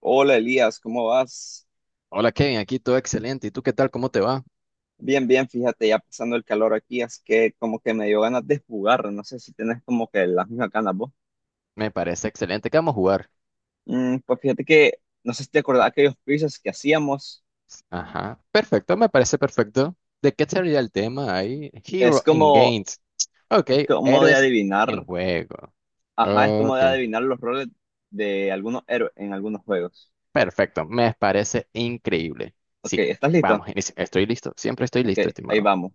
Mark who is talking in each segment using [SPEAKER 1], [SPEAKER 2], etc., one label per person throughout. [SPEAKER 1] Hola Elías, ¿cómo vas?
[SPEAKER 2] Hola Kevin, aquí todo excelente. ¿Y tú qué tal? ¿Cómo te va?
[SPEAKER 1] Bien, bien, fíjate, ya pasando el calor aquí, es que como que me dio ganas de jugar, no sé si tenés como que las mismas ganas vos.
[SPEAKER 2] Me parece excelente. ¿Qué vamos a jugar?
[SPEAKER 1] Pues fíjate que, no sé si te acordás aquellos quizzes que hacíamos,
[SPEAKER 2] Ajá, perfecto, me parece perfecto. ¿De qué sería el tema ahí?
[SPEAKER 1] es
[SPEAKER 2] Hero in
[SPEAKER 1] como,
[SPEAKER 2] Games. Ok,
[SPEAKER 1] es como de
[SPEAKER 2] héroes en
[SPEAKER 1] adivinar,
[SPEAKER 2] juego.
[SPEAKER 1] ajá, es como de
[SPEAKER 2] Ok,
[SPEAKER 1] adivinar los roles de algunos héroes en algunos juegos.
[SPEAKER 2] perfecto, me parece increíble.
[SPEAKER 1] Ok,
[SPEAKER 2] Sí,
[SPEAKER 1] ¿estás listo?
[SPEAKER 2] vamos, inicia. Estoy listo, siempre estoy
[SPEAKER 1] Ok,
[SPEAKER 2] listo,
[SPEAKER 1] ahí
[SPEAKER 2] estimado.
[SPEAKER 1] vamos.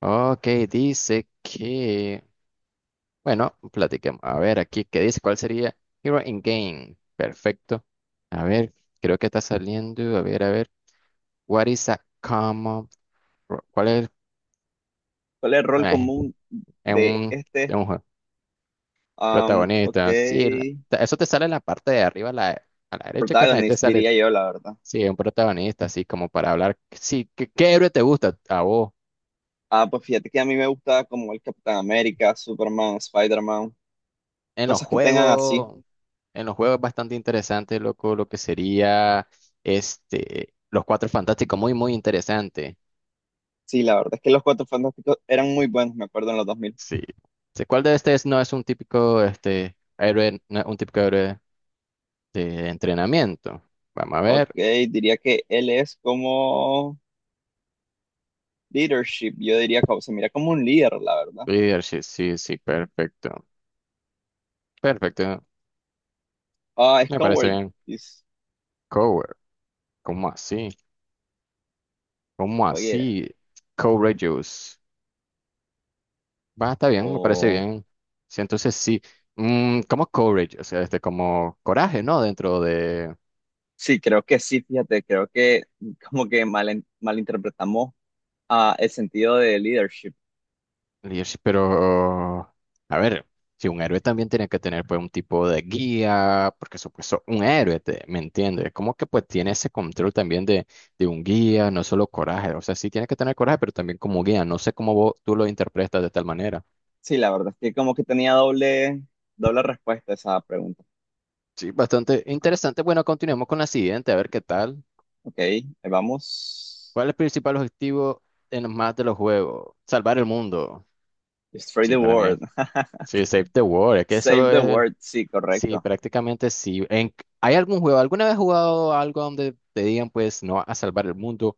[SPEAKER 2] Ok, dice que... Bueno, platiquemos. A ver aquí, ¿qué dice? ¿Cuál sería Hero in Game? Perfecto. A ver, creo que está saliendo. A ver, a ver. What is a common... ¿Cuál es?
[SPEAKER 1] ¿Cuál es el rol
[SPEAKER 2] eh,
[SPEAKER 1] común
[SPEAKER 2] en
[SPEAKER 1] de este?
[SPEAKER 2] en un juego. Protagonista. Sí,
[SPEAKER 1] Ok,
[SPEAKER 2] eso te sale en la parte de arriba, a la derecha, carnal, y te
[SPEAKER 1] protagonist
[SPEAKER 2] sale,
[SPEAKER 1] diría yo, la verdad.
[SPEAKER 2] sí, un protagonista, así como para hablar. Sí, ¿qué, qué héroe te gusta a vos?
[SPEAKER 1] Ah, pues fíjate que a mí me gusta como el Capitán América, Superman, Spider-Man,
[SPEAKER 2] En los
[SPEAKER 1] cosas que tengan así.
[SPEAKER 2] juegos, en los juegos es bastante interesante, loco, lo que sería este, los cuatro fantásticos, muy, muy interesante.
[SPEAKER 1] Sí, la verdad es que los Cuatro Fantásticos eran muy buenos, me acuerdo, en los 2000.
[SPEAKER 2] Sí. Sí, ¿cuál de estos no es un típico este, héroe, no es un típico héroe de entrenamiento? Vamos a
[SPEAKER 1] Ok,
[SPEAKER 2] ver.
[SPEAKER 1] diría que él es como leadership, yo diría que se mira como un líder, la verdad.
[SPEAKER 2] Leadership, sí, sí, perfecto. Perfecto,
[SPEAKER 1] Ah, es
[SPEAKER 2] me parece
[SPEAKER 1] coward,
[SPEAKER 2] bien.
[SPEAKER 1] dice,
[SPEAKER 2] Cover, ¿cómo así? ¿Cómo
[SPEAKER 1] oye,
[SPEAKER 2] así? Courageous. Va, está bien, me parece
[SPEAKER 1] o...
[SPEAKER 2] bien. Sí, entonces sí. Mm, ¿cómo courage? O sea, este, como coraje, ¿no? Dentro de,
[SPEAKER 1] Sí, creo que sí, fíjate, creo que malinterpretamos ah, el sentido de leadership.
[SPEAKER 2] Lish, pero, a ver, si un héroe también tiene que tener pues un tipo de guía, porque supuesto, un héroe, te- ¿me entiendes? Como que pues tiene ese control también de un guía, no solo coraje, o sea, sí tiene que tener coraje, pero también como guía, no sé cómo vos, tú lo interpretas de tal manera.
[SPEAKER 1] Sí, la verdad es que como que tenía doble respuesta a esa pregunta.
[SPEAKER 2] Sí, bastante interesante. Bueno, continuemos con la siguiente, a ver qué tal.
[SPEAKER 1] Ok, ahí vamos.
[SPEAKER 2] ¿Cuál es el principal objetivo en más de los juegos? Salvar el mundo.
[SPEAKER 1] Destroy
[SPEAKER 2] Sí,
[SPEAKER 1] the
[SPEAKER 2] para mí,
[SPEAKER 1] world.
[SPEAKER 2] sí, save the world, es que
[SPEAKER 1] Save
[SPEAKER 2] eso
[SPEAKER 1] the
[SPEAKER 2] es.
[SPEAKER 1] world, sí,
[SPEAKER 2] Sí,
[SPEAKER 1] correcto.
[SPEAKER 2] prácticamente sí. En, ¿hay algún juego? ¿Alguna vez has jugado algo donde te digan, pues, no vas a salvar el mundo?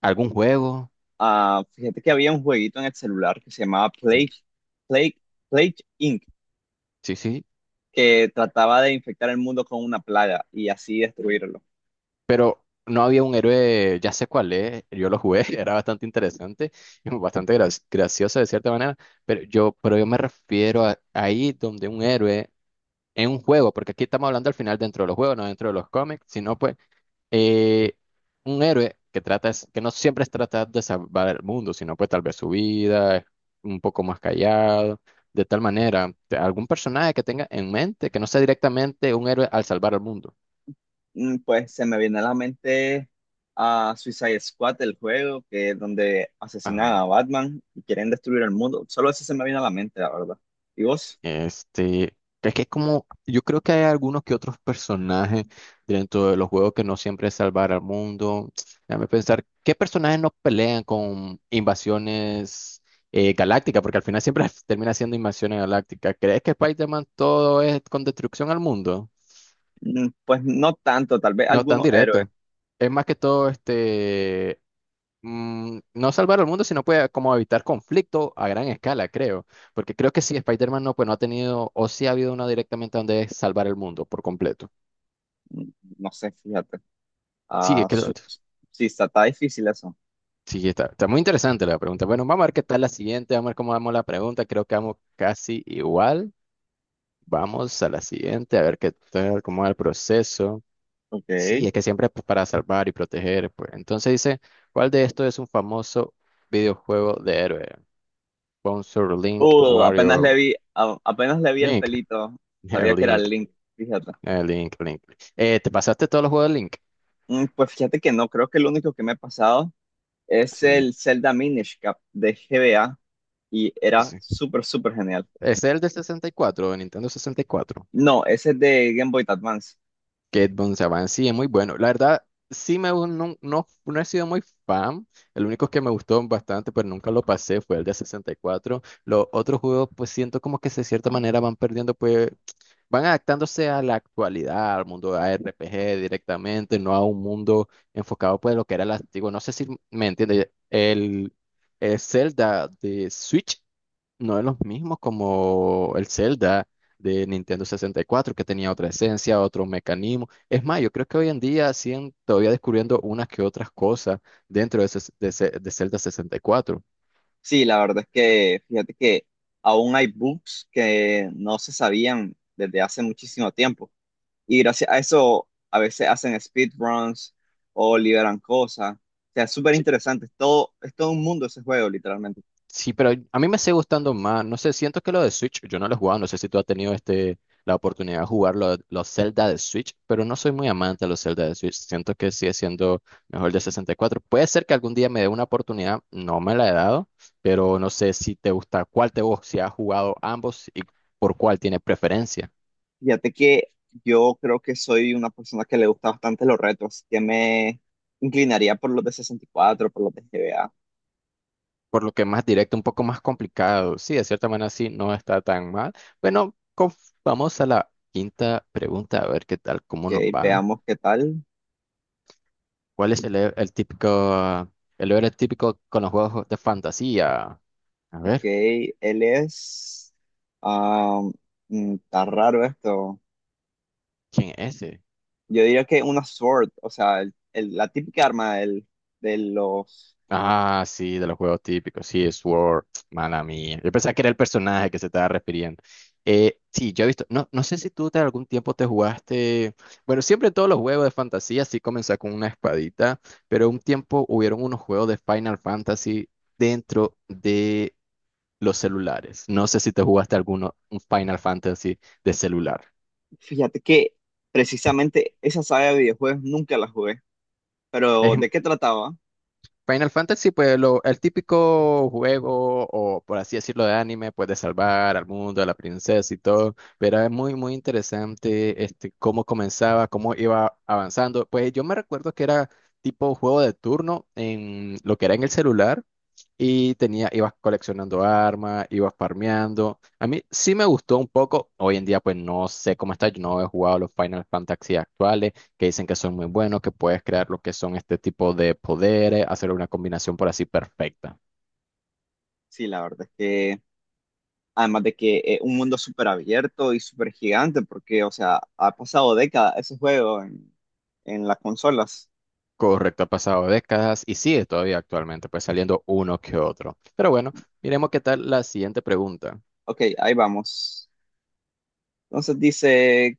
[SPEAKER 2] ¿Algún juego?
[SPEAKER 1] Ah, fíjate que había un jueguito en el celular que se llamaba
[SPEAKER 2] Mm,
[SPEAKER 1] Plague, Plague Inc.,
[SPEAKER 2] sí, sí.
[SPEAKER 1] que trataba de infectar el mundo con una plaga y así destruirlo.
[SPEAKER 2] Pero no había un héroe, ya sé cuál es, yo lo jugué, era bastante interesante, y bastante gracioso de cierta manera, pero yo me refiero a ahí donde un héroe en un juego, porque aquí estamos hablando al final dentro de los juegos, no dentro de los cómics, sino pues eh, un héroe que trata es, que no siempre es tratar de salvar el mundo, sino pues tal vez su vida, es un poco más callado, de tal manera, te- algún personaje que tenga en mente que no sea directamente un héroe al salvar el mundo.
[SPEAKER 1] Pues se me viene a la mente a Suicide Squad, el juego, que es donde asesinan a Batman y quieren destruir el mundo. Solo eso se me viene a la mente, la verdad. ¿Y vos?
[SPEAKER 2] Este, es que como, yo creo que hay algunos que otros personajes dentro de los juegos que no siempre es salvar al mundo. Déjame pensar, ¿qué personajes no pelean con invasiones galácticas? Porque al final siempre termina siendo invasiones galácticas. ¿Crees que Spider-Man todo es con destrucción al mundo?
[SPEAKER 1] Pues no tanto, tal vez
[SPEAKER 2] No es tan
[SPEAKER 1] algunos héroes.
[SPEAKER 2] directo. Es más que todo este mm, no salvar al mundo, sino puede como evitar conflicto a gran escala, creo. Porque creo que sí, Spider-Man no, pues no ha tenido, o sí ha habido una directamente donde es salvar el mundo por completo.
[SPEAKER 1] Mm, No sé, fíjate.
[SPEAKER 2] Sí,
[SPEAKER 1] Ah, su- sí, está difícil eso.
[SPEAKER 2] sí, está, está muy interesante la pregunta. Bueno, vamos a ver qué tal la siguiente, vamos a ver cómo vamos la pregunta. Creo que vamos casi igual. Vamos a la siguiente, a ver qué tal, cómo va el proceso. Sí,
[SPEAKER 1] Ok.
[SPEAKER 2] es que siempre pues, para salvar y proteger, pues. Entonces dice, ¿cuál de estos es un famoso videojuego de héroe? Sponsor Link,
[SPEAKER 1] Apenas le
[SPEAKER 2] Warrior,
[SPEAKER 1] vi, apenas le vi el
[SPEAKER 2] Link.
[SPEAKER 1] pelito.
[SPEAKER 2] El
[SPEAKER 1] Sabía que era el
[SPEAKER 2] Link,
[SPEAKER 1] Link, fíjate.
[SPEAKER 2] el Link, Link. ¿Te pasaste todos los juegos de Link?
[SPEAKER 1] Pues fíjate que no, creo que el único que me ha pasado es
[SPEAKER 2] Sí,
[SPEAKER 1] el Zelda Minish Cap de GBA y era
[SPEAKER 2] sí.
[SPEAKER 1] súper genial.
[SPEAKER 2] Es el de 64, de Nintendo 64.
[SPEAKER 1] No, ese es de Game Boy Advance.
[SPEAKER 2] Que Don Saban sí es muy bueno. La verdad, sí no, no, no he sido muy fan. El único que me gustó bastante, pero nunca lo pasé, fue el de 64. Los otros juegos, pues siento como que de cierta manera van perdiendo pues, van adaptándose a la actualidad, al mundo de RPG directamente, no a un mundo enfocado pues lo que era el antiguo. No sé si me entiende. El Zelda de Switch no es lo mismo como el Zelda de Nintendo 64, que tenía otra esencia, otro mecanismo. Es más, yo creo que hoy en día siguen todavía descubriendo unas que otras cosas dentro de Zelda 64.
[SPEAKER 1] Sí, la verdad es que fíjate que aún hay bugs que no se sabían desde hace muchísimo tiempo. Y gracias a eso a veces hacen speedruns o liberan cosas. O sea, es súper interesante. Es todo un mundo ese juego, literalmente.
[SPEAKER 2] Sí, pero a mí me sigue gustando más. No sé, siento que lo de Switch, yo no lo he jugado. No sé si tú has tenido este, la oportunidad de jugar los Zelda de Switch, pero no soy muy amante de los Zelda de Switch. Siento que sigue siendo mejor el de 64. Puede ser que algún día me dé una oportunidad, no me la he dado, pero no sé si te gusta cuál te gusta, si has jugado ambos y por cuál tienes preferencia.
[SPEAKER 1] Fíjate que yo creo que soy una persona que le gusta bastante los retos, así que me inclinaría por los de 64 por los de GBA.
[SPEAKER 2] Por lo que más directo, un poco más complicado. Sí, de cierta manera sí, no está tan mal. Bueno, vamos a la quinta pregunta, a ver qué tal,
[SPEAKER 1] Ok,
[SPEAKER 2] cómo nos va.
[SPEAKER 1] veamos qué tal.
[SPEAKER 2] ¿Cuál es el típico, el héroe típico con los juegos de fantasía? A
[SPEAKER 1] Ok,
[SPEAKER 2] ver,
[SPEAKER 1] él es... ah, está raro esto.
[SPEAKER 2] ¿quién es ese?
[SPEAKER 1] Yo diría que una sword, o sea, la típica arma de los.
[SPEAKER 2] Ah, sí, de los juegos típicos, sí, Sword, mala mía. Yo pensaba que era el personaje que se estaba refiriendo. Sí, yo he visto, no, no sé si tú de algún tiempo te jugaste, bueno, siempre todos los juegos de fantasía sí comenzó con una espadita, pero un tiempo hubieron unos juegos de Final Fantasy dentro de los celulares. No sé si te jugaste alguno, un Final Fantasy de celular.
[SPEAKER 1] Fíjate que precisamente esa saga de videojuegos nunca la jugué,
[SPEAKER 2] Es,
[SPEAKER 1] pero ¿de qué trataba?
[SPEAKER 2] Final Fantasy, pues lo, el típico juego, o por así decirlo, de anime, pues de salvar al mundo, a la princesa y todo, pero es muy, muy interesante este, cómo comenzaba, cómo iba avanzando. Pues yo me recuerdo que era tipo juego de turno en lo que era en el celular y tenía, ibas coleccionando armas, ibas farmeando. A mí sí me gustó un poco, hoy en día pues no sé cómo está, yo no he jugado los Final Fantasy actuales que dicen que son muy buenos, que puedes crear lo que son este tipo de poderes, hacer una combinación por así perfecta.
[SPEAKER 1] Sí, la verdad es que, además de que un mundo súper abierto y súper gigante, porque, o sea, ha pasado décadas ese juego en las consolas.
[SPEAKER 2] Correcto, ha pasado décadas y sigue todavía actualmente, pues saliendo uno que otro. Pero bueno, miremos qué tal la siguiente pregunta.
[SPEAKER 1] Ok, ahí vamos. Entonces dice,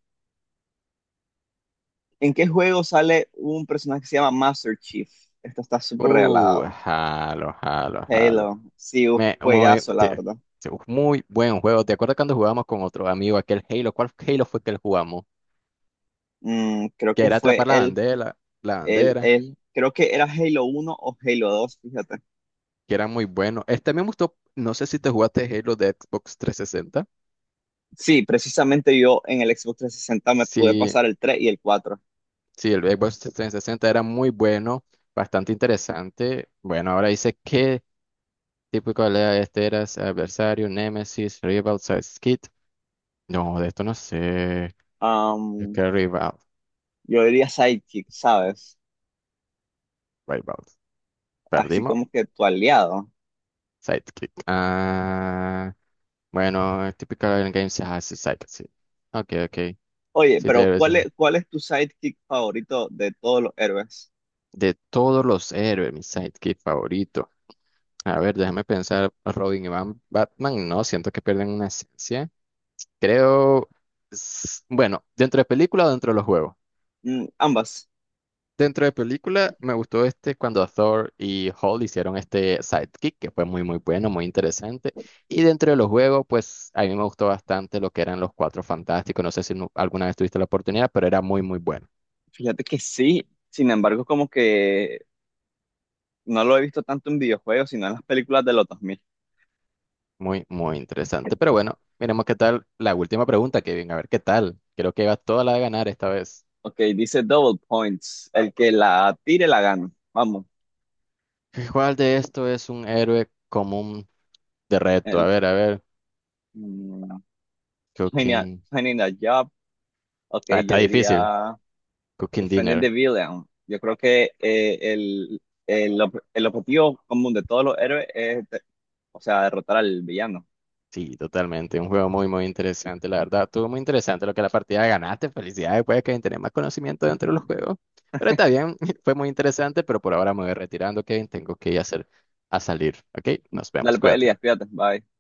[SPEAKER 1] ¿en qué juego sale un personaje que se llama Master Chief? Esto está súper regalado.
[SPEAKER 2] Jalo, jalo, jalo.
[SPEAKER 1] Halo, sí, un
[SPEAKER 2] Me- muy,
[SPEAKER 1] juegazo, la
[SPEAKER 2] te-
[SPEAKER 1] verdad.
[SPEAKER 2] muy buen juego. ¿Te acuerdas cuando jugábamos con otro amigo aquel Halo? ¿Cuál Halo fue que jugamos?
[SPEAKER 1] Creo
[SPEAKER 2] Que
[SPEAKER 1] que
[SPEAKER 2] era
[SPEAKER 1] fue
[SPEAKER 2] atrapar
[SPEAKER 1] él.
[SPEAKER 2] la
[SPEAKER 1] Él,
[SPEAKER 2] bandera,
[SPEAKER 1] él, creo que era Halo 1 o Halo 2 fíjate.
[SPEAKER 2] que era muy bueno. Este me gustó, no sé si te jugaste Halo de Xbox 360.
[SPEAKER 1] Sí, precisamente yo en el Xbox 360 me pude
[SPEAKER 2] Sí,
[SPEAKER 1] pasar el 3 y el cuatro.
[SPEAKER 2] sí, el Xbox 360 era muy bueno, bastante interesante. Bueno, ahora dice qué tipo de pelea este era adversario, Nemesis, Rival, Sidekick. No, de esto no sé. Creo
[SPEAKER 1] Am,
[SPEAKER 2] que Rival,
[SPEAKER 1] yo diría sidekick, ¿sabes?
[SPEAKER 2] Rival.
[SPEAKER 1] Así
[SPEAKER 2] Perdimos.
[SPEAKER 1] como que tu aliado.
[SPEAKER 2] Sidekick. Ah, bueno, es típico en game. Ah, sí, Sidekick, sí. Ok, ok.
[SPEAKER 1] Oye,
[SPEAKER 2] Sí,
[SPEAKER 1] pero ¿cuál es tu sidekick favorito de todos los héroes?
[SPEAKER 2] de todos los héroes, mi Sidekick favorito. A ver, déjame pensar, Robin y Batman, no, siento que pierden una esencia. Creo, bueno, dentro de película o dentro de los juegos.
[SPEAKER 1] Ambas.
[SPEAKER 2] Dentro de película me gustó este cuando Thor y Hall hicieron este sidekick, que fue muy muy bueno, muy interesante. Y dentro de los juegos, pues a mí me gustó bastante lo que eran los Cuatro Fantásticos. No sé si alguna vez tuviste la oportunidad, pero era muy muy bueno,
[SPEAKER 1] Fíjate que sí, sin embargo, como que no lo he visto tanto en videojuegos, sino en las películas de los 2000.
[SPEAKER 2] muy muy interesante. Pero bueno, miremos qué tal la última pregunta, Kevin, a ver qué tal. Creo que va toda la de ganar esta vez.
[SPEAKER 1] Ok, dice Double Points. El que la tire la gana. Vamos.
[SPEAKER 2] ¿Cuál de esto es un héroe común de reto?
[SPEAKER 1] El,
[SPEAKER 2] A ver,
[SPEAKER 1] Mm, Genial,
[SPEAKER 2] Cooking.
[SPEAKER 1] genial job. Ok,
[SPEAKER 2] Ah, está
[SPEAKER 1] yo
[SPEAKER 2] difícil.
[SPEAKER 1] diría
[SPEAKER 2] Cooking
[SPEAKER 1] Defending the
[SPEAKER 2] Dinner.
[SPEAKER 1] Villain. Yo creo que el objetivo común de todos los héroes es, o sea, derrotar al villano.
[SPEAKER 2] Sí, totalmente. Un juego muy, muy interesante, la verdad. Estuvo muy interesante lo que la partida ganaste. Felicidades, puede que tenés más conocimiento dentro de los juegos. Pero está bien, fue muy interesante, pero por ahora me voy retirando, Kevin. Tengo que ir a hacer, a salir. ¿Ok? Nos
[SPEAKER 1] Dale
[SPEAKER 2] vemos,
[SPEAKER 1] pues,
[SPEAKER 2] cuídate.
[SPEAKER 1] Elías, cuídate, bye.